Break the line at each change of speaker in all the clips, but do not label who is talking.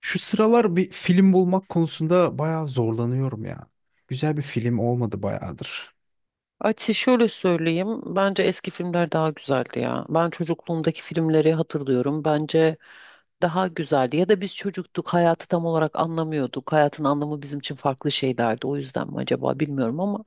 Şu sıralar bir film bulmak konusunda bayağı zorlanıyorum ya. Güzel bir film olmadı bayağıdır.
Açı şöyle söyleyeyim. Bence eski filmler daha güzeldi ya. Ben çocukluğumdaki filmleri hatırlıyorum. Bence daha güzeldi. Ya da biz çocuktuk, hayatı tam olarak anlamıyorduk. Hayatın anlamı bizim için farklı şeylerdi. O yüzden mi acaba bilmiyorum ama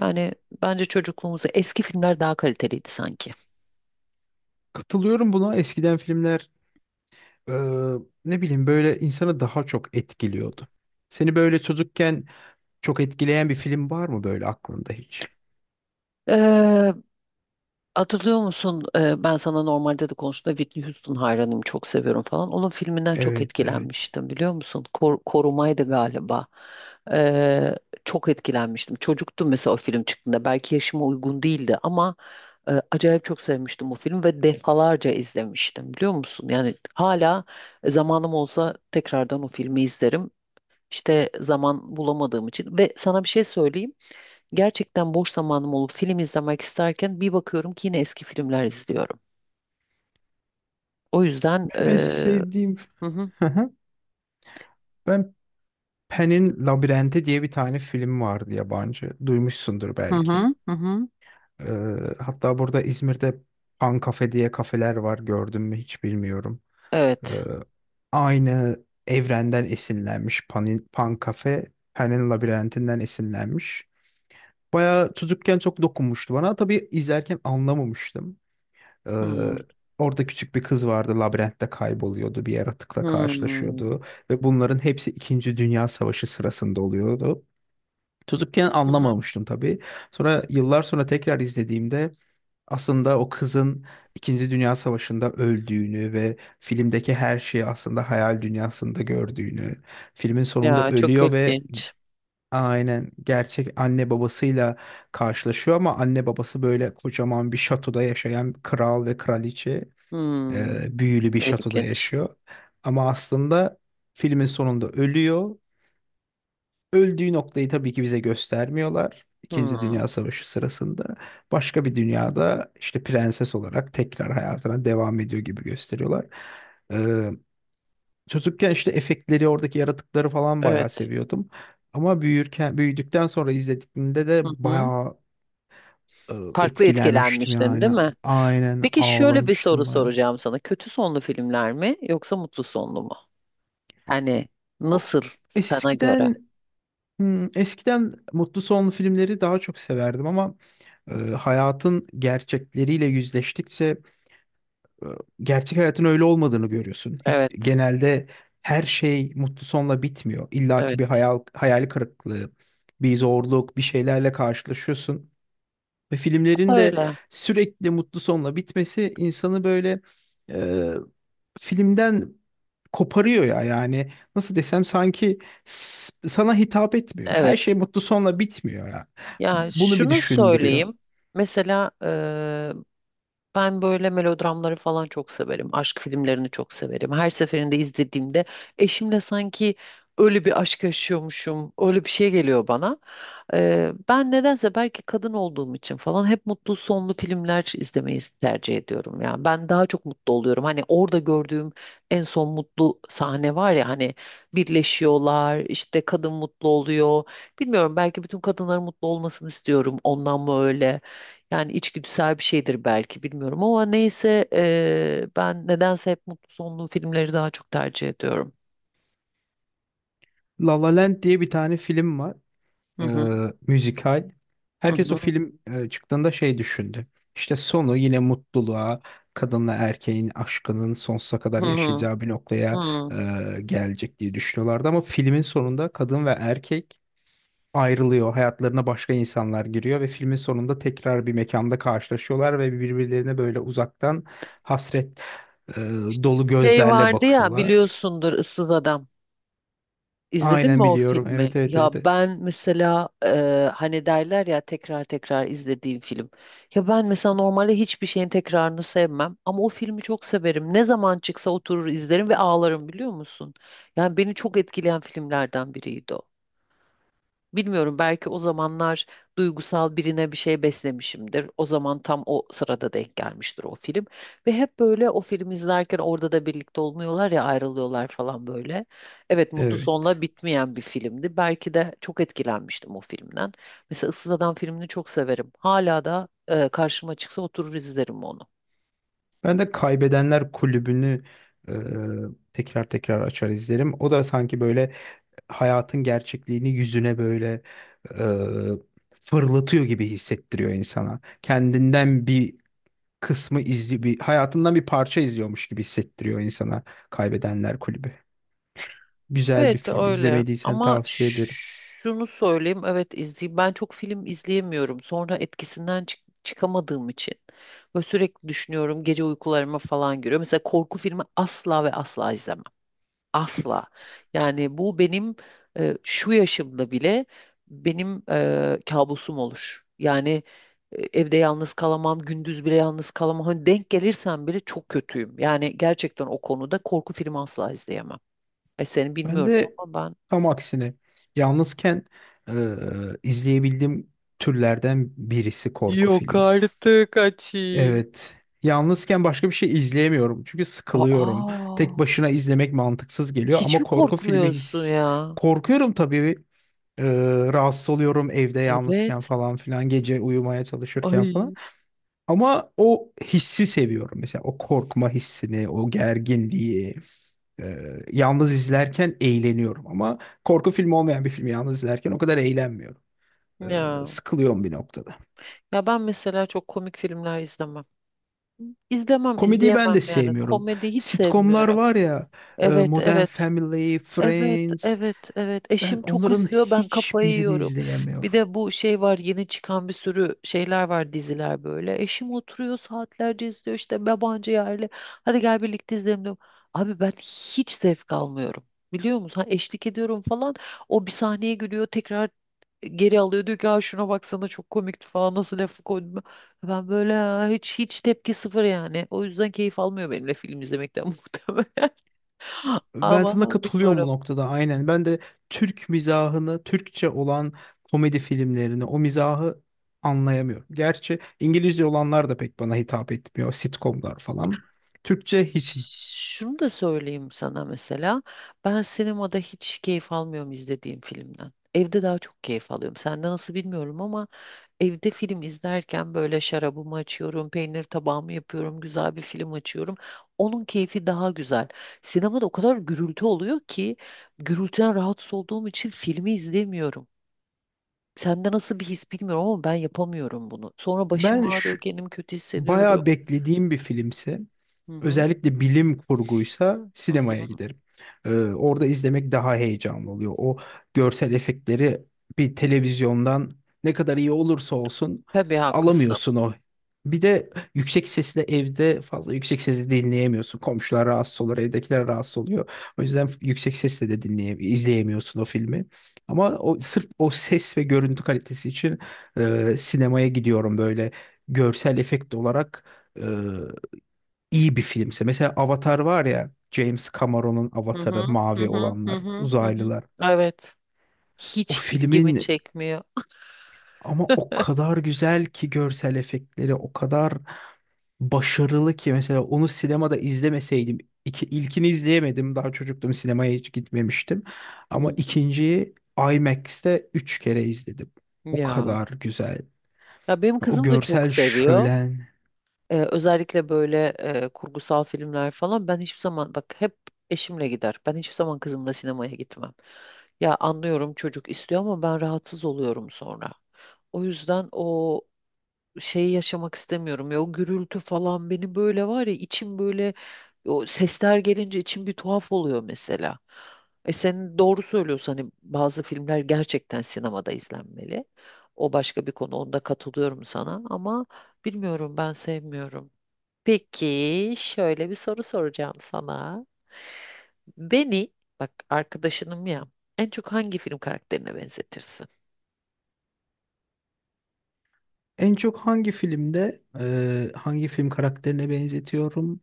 yani bence çocukluğumuzda eski filmler daha kaliteliydi sanki.
Katılıyorum buna. Eskiden filmler e, ne bileyim böyle insanı daha çok etkiliyordu. Seni böyle çocukken çok etkileyen bir film var mı böyle aklında hiç?
Ee, Hatırlıyor musun? Ben sana normalde de konuştuğumda Whitney Houston hayranıyım, çok seviyorum falan. Onun filminden çok
Evet, evet.
etkilenmiştim biliyor musun? Korumaydı galiba. Ee, çok etkilenmiştim. Çocuktum mesela o film çıktığında. Belki yaşıma uygun değildi ama acayip çok sevmiştim o filmi ve defalarca izlemiştim biliyor musun? Yani hala zamanım olsa tekrardan o filmi izlerim. İşte zaman bulamadığım için ve sana bir şey söyleyeyim. Gerçekten boş zamanım olup film izlemek isterken bir bakıyorum ki yine eski filmler izliyorum. O yüzden
Benim en sevdiğim
hı hı
hı hı, ben Pen'in Labirenti diye bir tane film vardı yabancı. Duymuşsundur
hı
belki.
hı hı hı.
E, Hatta burada İzmir'de Pan Cafe diye kafeler var. Gördün mü hiç bilmiyorum. Ee,
Evet.
Aynı evrenden esinlenmiş. Pan, Pan Cafe, Pan'in labirentinden esinlenmiş. Bayağı çocukken çok dokunmuştu bana. Tabii izlerken anlamamıştım. Ee,
Hmm,
Orada küçük bir kız vardı. Labirentte kayboluyordu. Bir yaratıkla
hmm,
karşılaşıyordu. Ve bunların hepsi İkinci Dünya Savaşı sırasında oluyordu. Çocukken
hı hı.
anlamamıştım tabii. Sonra yıllar sonra tekrar izlediğimde aslında o kızın İkinci Dünya Savaşı'nda öldüğünü ve filmdeki her şeyi aslında hayal dünyasında gördüğünü, filmin sonunda
Ya çok
ölüyor ve
ilginç.
aynen gerçek anne babasıyla karşılaşıyor ama anne babası böyle kocaman bir şatoda yaşayan kral ve kraliçe,
Hmm,
büyülü bir şatoda
ilginç.
yaşıyor. Ama aslında filmin sonunda ölüyor. Öldüğü noktayı tabii ki bize göstermiyorlar. İkinci
Hmm,
Dünya Savaşı sırasında başka bir dünyada işte prenses olarak tekrar hayatına devam ediyor gibi gösteriyorlar. Ee, Çocukken işte efektleri, oradaki yaratıkları falan bayağı
evet.
seviyordum. Ama büyürken, büyüdükten sonra izlediğimde
Hı
de
hı.
bayağı e,
Farklı
etkilenmiştim
etkilenmiştin,
yani.
değil mi?
Aynen
Peki şöyle bir soru
ağlamıştım bayağı.
soracağım sana. Kötü sonlu filmler mi yoksa mutlu sonlu mu? Hani
O-
nasıl sana göre?
Eskiden eskiden mutlu sonlu filmleri daha çok severdim ama hayatın gerçekleriyle yüzleştikçe e, gerçek hayatın öyle olmadığını görüyorsun. Hiç
Evet,
genelde her şey mutlu sonla bitmiyor. İlla ki bir
evet.
hayal, hayal kırıklığı, bir zorluk, bir şeylerle karşılaşıyorsun. Ve filmlerin de
Öyle.
sürekli mutlu sonla bitmesi insanı böyle e, filmden koparıyor ya, yani nasıl desem sanki sana hitap etmiyor. Her şey
Evet.
mutlu sonla bitmiyor ya.
Ya
Bunu bir
şunu
düşündürüyor.
söyleyeyim. Mesela ben böyle melodramları falan çok severim. Aşk filmlerini çok severim. Her seferinde izlediğimde eşimle sanki öyle bir aşk yaşıyormuşum. Öyle bir şey geliyor bana. Ben nedense belki kadın olduğum için falan hep mutlu sonlu filmler izlemeyi tercih ediyorum. Yani ben daha çok mutlu oluyorum. Hani orada gördüğüm en son mutlu sahne var ya hani birleşiyorlar işte kadın mutlu oluyor. Bilmiyorum belki bütün kadınların mutlu olmasını istiyorum. Ondan mı öyle? Yani içgüdüsel bir şeydir belki bilmiyorum ama neyse ben nedense hep mutlu sonlu filmleri daha çok tercih ediyorum.
La La Land diye bir tane film var.
Hı
E,
hı
Müzikal.
hı
Herkes o
hı
film çıktığında şey düşündü. İşte sonu yine mutluluğa, kadınla erkeğin aşkının sonsuza kadar
hı hı.
yaşayacağı bir noktaya
Hı.
e, gelecek diye düşünüyorlardı. Ama filmin sonunda kadın ve erkek ayrılıyor. Hayatlarına başka insanlar giriyor ve filmin sonunda tekrar bir mekanda karşılaşıyorlar ve birbirlerine böyle uzaktan hasret e, dolu
Şey
gözlerle
vardı ya
bakıyorlar.
biliyorsundur Issız Adam. İzledin mi
Aynen
o
biliyorum.
filmi?
Evet, evet,
Ya
evet, evet.
ben mesela hani derler ya tekrar tekrar izlediğim film. Ya ben mesela normalde hiçbir şeyin tekrarını sevmem ama o filmi çok severim. Ne zaman çıksa oturur izlerim ve ağlarım biliyor musun? Yani beni çok etkileyen filmlerden biriydi o. Bilmiyorum belki o zamanlar duygusal birine bir şey beslemişimdir. O zaman tam o sırada denk gelmiştir o film. Ve hep böyle o filmi izlerken orada da birlikte olmuyorlar ya ayrılıyorlar falan böyle. Evet, mutlu sonla
Evet.
bitmeyen bir filmdi. Belki de çok etkilenmiştim o filmden. Mesela Issız Adam filmini çok severim. Hala da karşıma çıksa oturur izlerim onu.
Ben de Kaybedenler Kulübü'nü e, tekrar tekrar açar izlerim. O da sanki böyle hayatın gerçekliğini yüzüne böyle fırlatıyor gibi hissettiriyor insana. Kendinden bir kısmı izli bir hayatından bir parça izliyormuş gibi hissettiriyor insana Kaybedenler Kulübü. Güzel bir
Evet
film.
öyle,
İzlemediysen
ama
tavsiye ederim.
şunu söyleyeyim, evet izleyeyim. Ben çok film izleyemiyorum, sonra etkisinden çıkamadığım için böyle sürekli düşünüyorum, gece uykularıma falan giriyor. Mesela korku filmi asla ve asla izlemem. Asla. Yani bu benim şu yaşımda bile benim kabusum olur yani. Evde yalnız kalamam, gündüz bile yalnız kalamam. Hani denk gelirsem bile çok kötüyüm yani, gerçekten o konuda korku filmi asla izleyemem. Seni
Ben
bilmiyorum
de
ama ben.
tam aksine yalnızken e, izleyebildiğim türlerden birisi korku
Yok
filmi.
artık Ati.
Evet. Yalnızken başka bir şey izleyemiyorum çünkü sıkılıyorum.
Aa,
Tek başına izlemek mantıksız geliyor
hiç
ama
mi
korku filmi
korkmuyorsun ya?
korkuyorum tabii. E, Rahatsız oluyorum evde yalnızken
Evet.
falan filan gece uyumaya çalışırken falan.
Ay,
Ama o hissi seviyorum, mesela o korkma hissini, o gerginliği. Yalnız izlerken eğleniyorum ama korku filmi olmayan bir filmi yalnız izlerken o kadar eğlenmiyorum. Ee,
ya.
Sıkılıyorum bir noktada.
Ya ben mesela çok komik filmler izlemem. İzlemem,
Komediyi ben
izleyemem
de
yani.
sevmiyorum.
Komedi hiç
Sitcomlar
sevmiyorum.
var ya,
Evet,
Modern
evet.
Family,
Evet,
Friends.
evet, evet.
Ben
Eşim çok
onların
izliyor, ben kafayı
hiçbirini
yiyorum. Bir
izleyemiyorum.
de bu şey var, yeni çıkan bir sürü şeyler var, diziler böyle. Eşim oturuyor saatlerce izliyor işte yabancı yerli. Hadi gel birlikte izleyelim diyorum. Abi ben hiç zevk almıyorum. Biliyor musun? Ha, eşlik ediyorum falan. O bir sahneye gülüyor, tekrar geri alıyor. Diyor ki, "Aa, şuna baksana, çok komikti falan, nasıl lafı koydum." Ben böyle, "Aa, hiç hiç tepki sıfır" yani. O yüzden keyif almıyor benimle film izlemekten muhtemelen.
Ben sana
Ama
katılıyorum bu
bilmiyorum.
noktada, aynen. Ben de Türk mizahını, Türkçe olan komedi filmlerini, o mizahı anlayamıyorum. Gerçi İngilizce olanlar da pek bana hitap etmiyor. Sitcomlar falan. Türkçe hiç.
Şunu da söyleyeyim sana mesela. Ben sinemada hiç keyif almıyorum izlediğim filmden. Evde daha çok keyif alıyorum. Sende nasıl bilmiyorum ama evde film izlerken böyle şarabımı açıyorum, peynir tabağımı yapıyorum, güzel bir film açıyorum. Onun keyfi daha güzel. Sinemada o kadar gürültü oluyor ki gürültüden rahatsız olduğum için filmi izlemiyorum. Sende nasıl bir his bilmiyorum ama ben yapamıyorum bunu. Sonra başım
Ben şu,
ağrıyor, kendimi kötü
bayağı
hissediyorum.
beklediğim bir filmsi.
Hı hı.
Özellikle bilim kurguysa
Hı
sinemaya
hı.
giderim. Orada izlemek daha heyecanlı oluyor. O görsel efektleri bir televizyondan ne kadar iyi olursa olsun
Tabii haklısın.
alamıyorsun o. Bir de yüksek sesle evde fazla yüksek sesle dinleyemiyorsun. Komşular rahatsız olur, evdekiler rahatsız oluyor. O yüzden yüksek sesle de izleyemiyorsun o filmi. Ama o sırf o ses ve görüntü kalitesi için sinemaya gidiyorum, böyle görsel efekt olarak E, iyi bir filmse. Mesela Avatar var ya, James Cameron'un
Hı
Avatar'ı,
hı, hı
mavi
hı, hı
olanlar,
hı, hı hı.
uzaylılar.
Evet.
O
Hiç ilgimi
filmin
çekmiyor.
ama o kadar güzel ki, görsel efektleri o kadar başarılı ki, mesela onu sinemada izlemeseydim ilkini izleyemedim, daha çocuktum, sinemaya hiç gitmemiştim, ama
Hı.
ikinciyi IMAX'te üç kere izledim. O
Ya.
kadar güzel.
Ya benim
O
kızım da çok
görsel
seviyor.
şölen.
Özellikle böyle kurgusal filmler falan. Ben hiçbir zaman, bak, hep eşimle gider. Ben hiçbir zaman kızımla sinemaya gitmem. Ya anlıyorum, çocuk istiyor ama ben rahatsız oluyorum sonra. O yüzden o şeyi yaşamak istemiyorum ya, o gürültü falan beni böyle, var ya, içim böyle o sesler gelince içim bir tuhaf oluyor mesela. E sen doğru söylüyorsun, hani bazı filmler gerçekten sinemada izlenmeli. O başka bir konu, onda katılıyorum sana ama bilmiyorum, ben sevmiyorum. Peki şöyle bir soru soracağım sana. Beni, bak, arkadaşınım ya, en çok hangi film karakterine benzetirsin?
En çok hangi filmde hangi film karakterine benzetiyorum?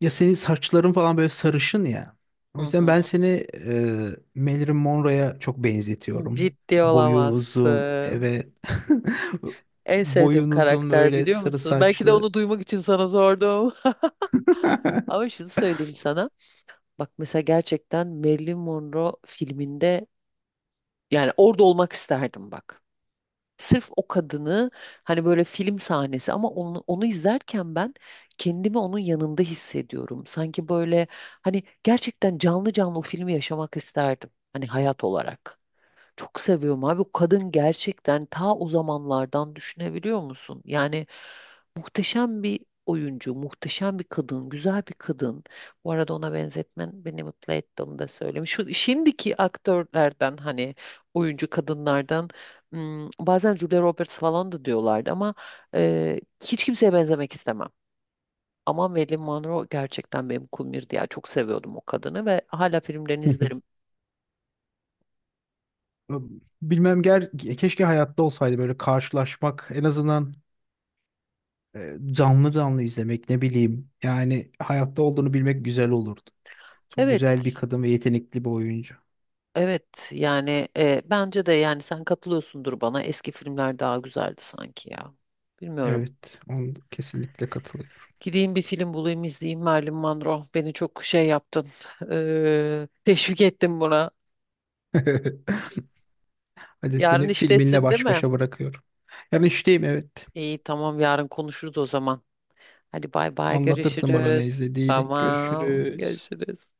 Ya senin saçların falan böyle sarışın ya. O
Hı
yüzden
hı.
ben seni Marilyn Monroe'ya çok benzetiyorum.
Ciddi
Boyun uzun,
olamazsın.
evet.
En sevdiğim
Boyun uzun,
karakter
böyle
biliyor
sarı
musun? Belki de
saçlı.
onu duymak için sana sordum. Ama şunu söyleyeyim sana. Bak mesela, gerçekten Marilyn Monroe filminde yani orada olmak isterdim, bak. Sırf o kadını, hani böyle film sahnesi, ama onu, onu izlerken ben kendimi onun yanında hissediyorum. Sanki böyle, hani gerçekten canlı canlı o filmi yaşamak isterdim. Hani hayat olarak. Çok seviyorum abi. O kadın gerçekten ta o zamanlardan, düşünebiliyor musun? Yani muhteşem bir oyuncu, muhteşem bir kadın, güzel bir kadın. Bu arada ona benzetmen beni mutlu etti, onu da söyleyeyim. Şu şimdiki aktörlerden, hani oyuncu kadınlardan, bazen Julia Roberts falan da diyorlardı ama hiç kimseye benzemek istemem. Ama Marilyn Monroe gerçekten benim kumirdi ya. Çok seviyordum o kadını ve hala filmlerini izlerim.
Bilmem ger keşke hayatta olsaydı, böyle karşılaşmak en azından, canlı canlı izlemek, ne bileyim. Yani hayatta olduğunu bilmek güzel olurdu. Çok güzel bir
Evet.
kadın ve yetenekli bir oyuncu.
Evet yani bence de, yani sen katılıyorsundur bana, eski filmler daha güzeldi sanki ya. Bilmiyorum.
Evet, onu kesinlikle katılıyorum.
Gideyim bir film bulayım izleyeyim Marilyn Monroe. Beni çok şey yaptın. Teşvik ettin buna.
Hadi
Yarın
seni filminle
iştesin değil
baş
mi?
başa bırakıyorum. Yarın işteyim, evet.
İyi tamam, yarın konuşuruz o zaman. Hadi bay bay,
Anlatırsın bana ne
görüşürüz.
izlediğini.
Tamam
Görüşürüz.
görüşürüz.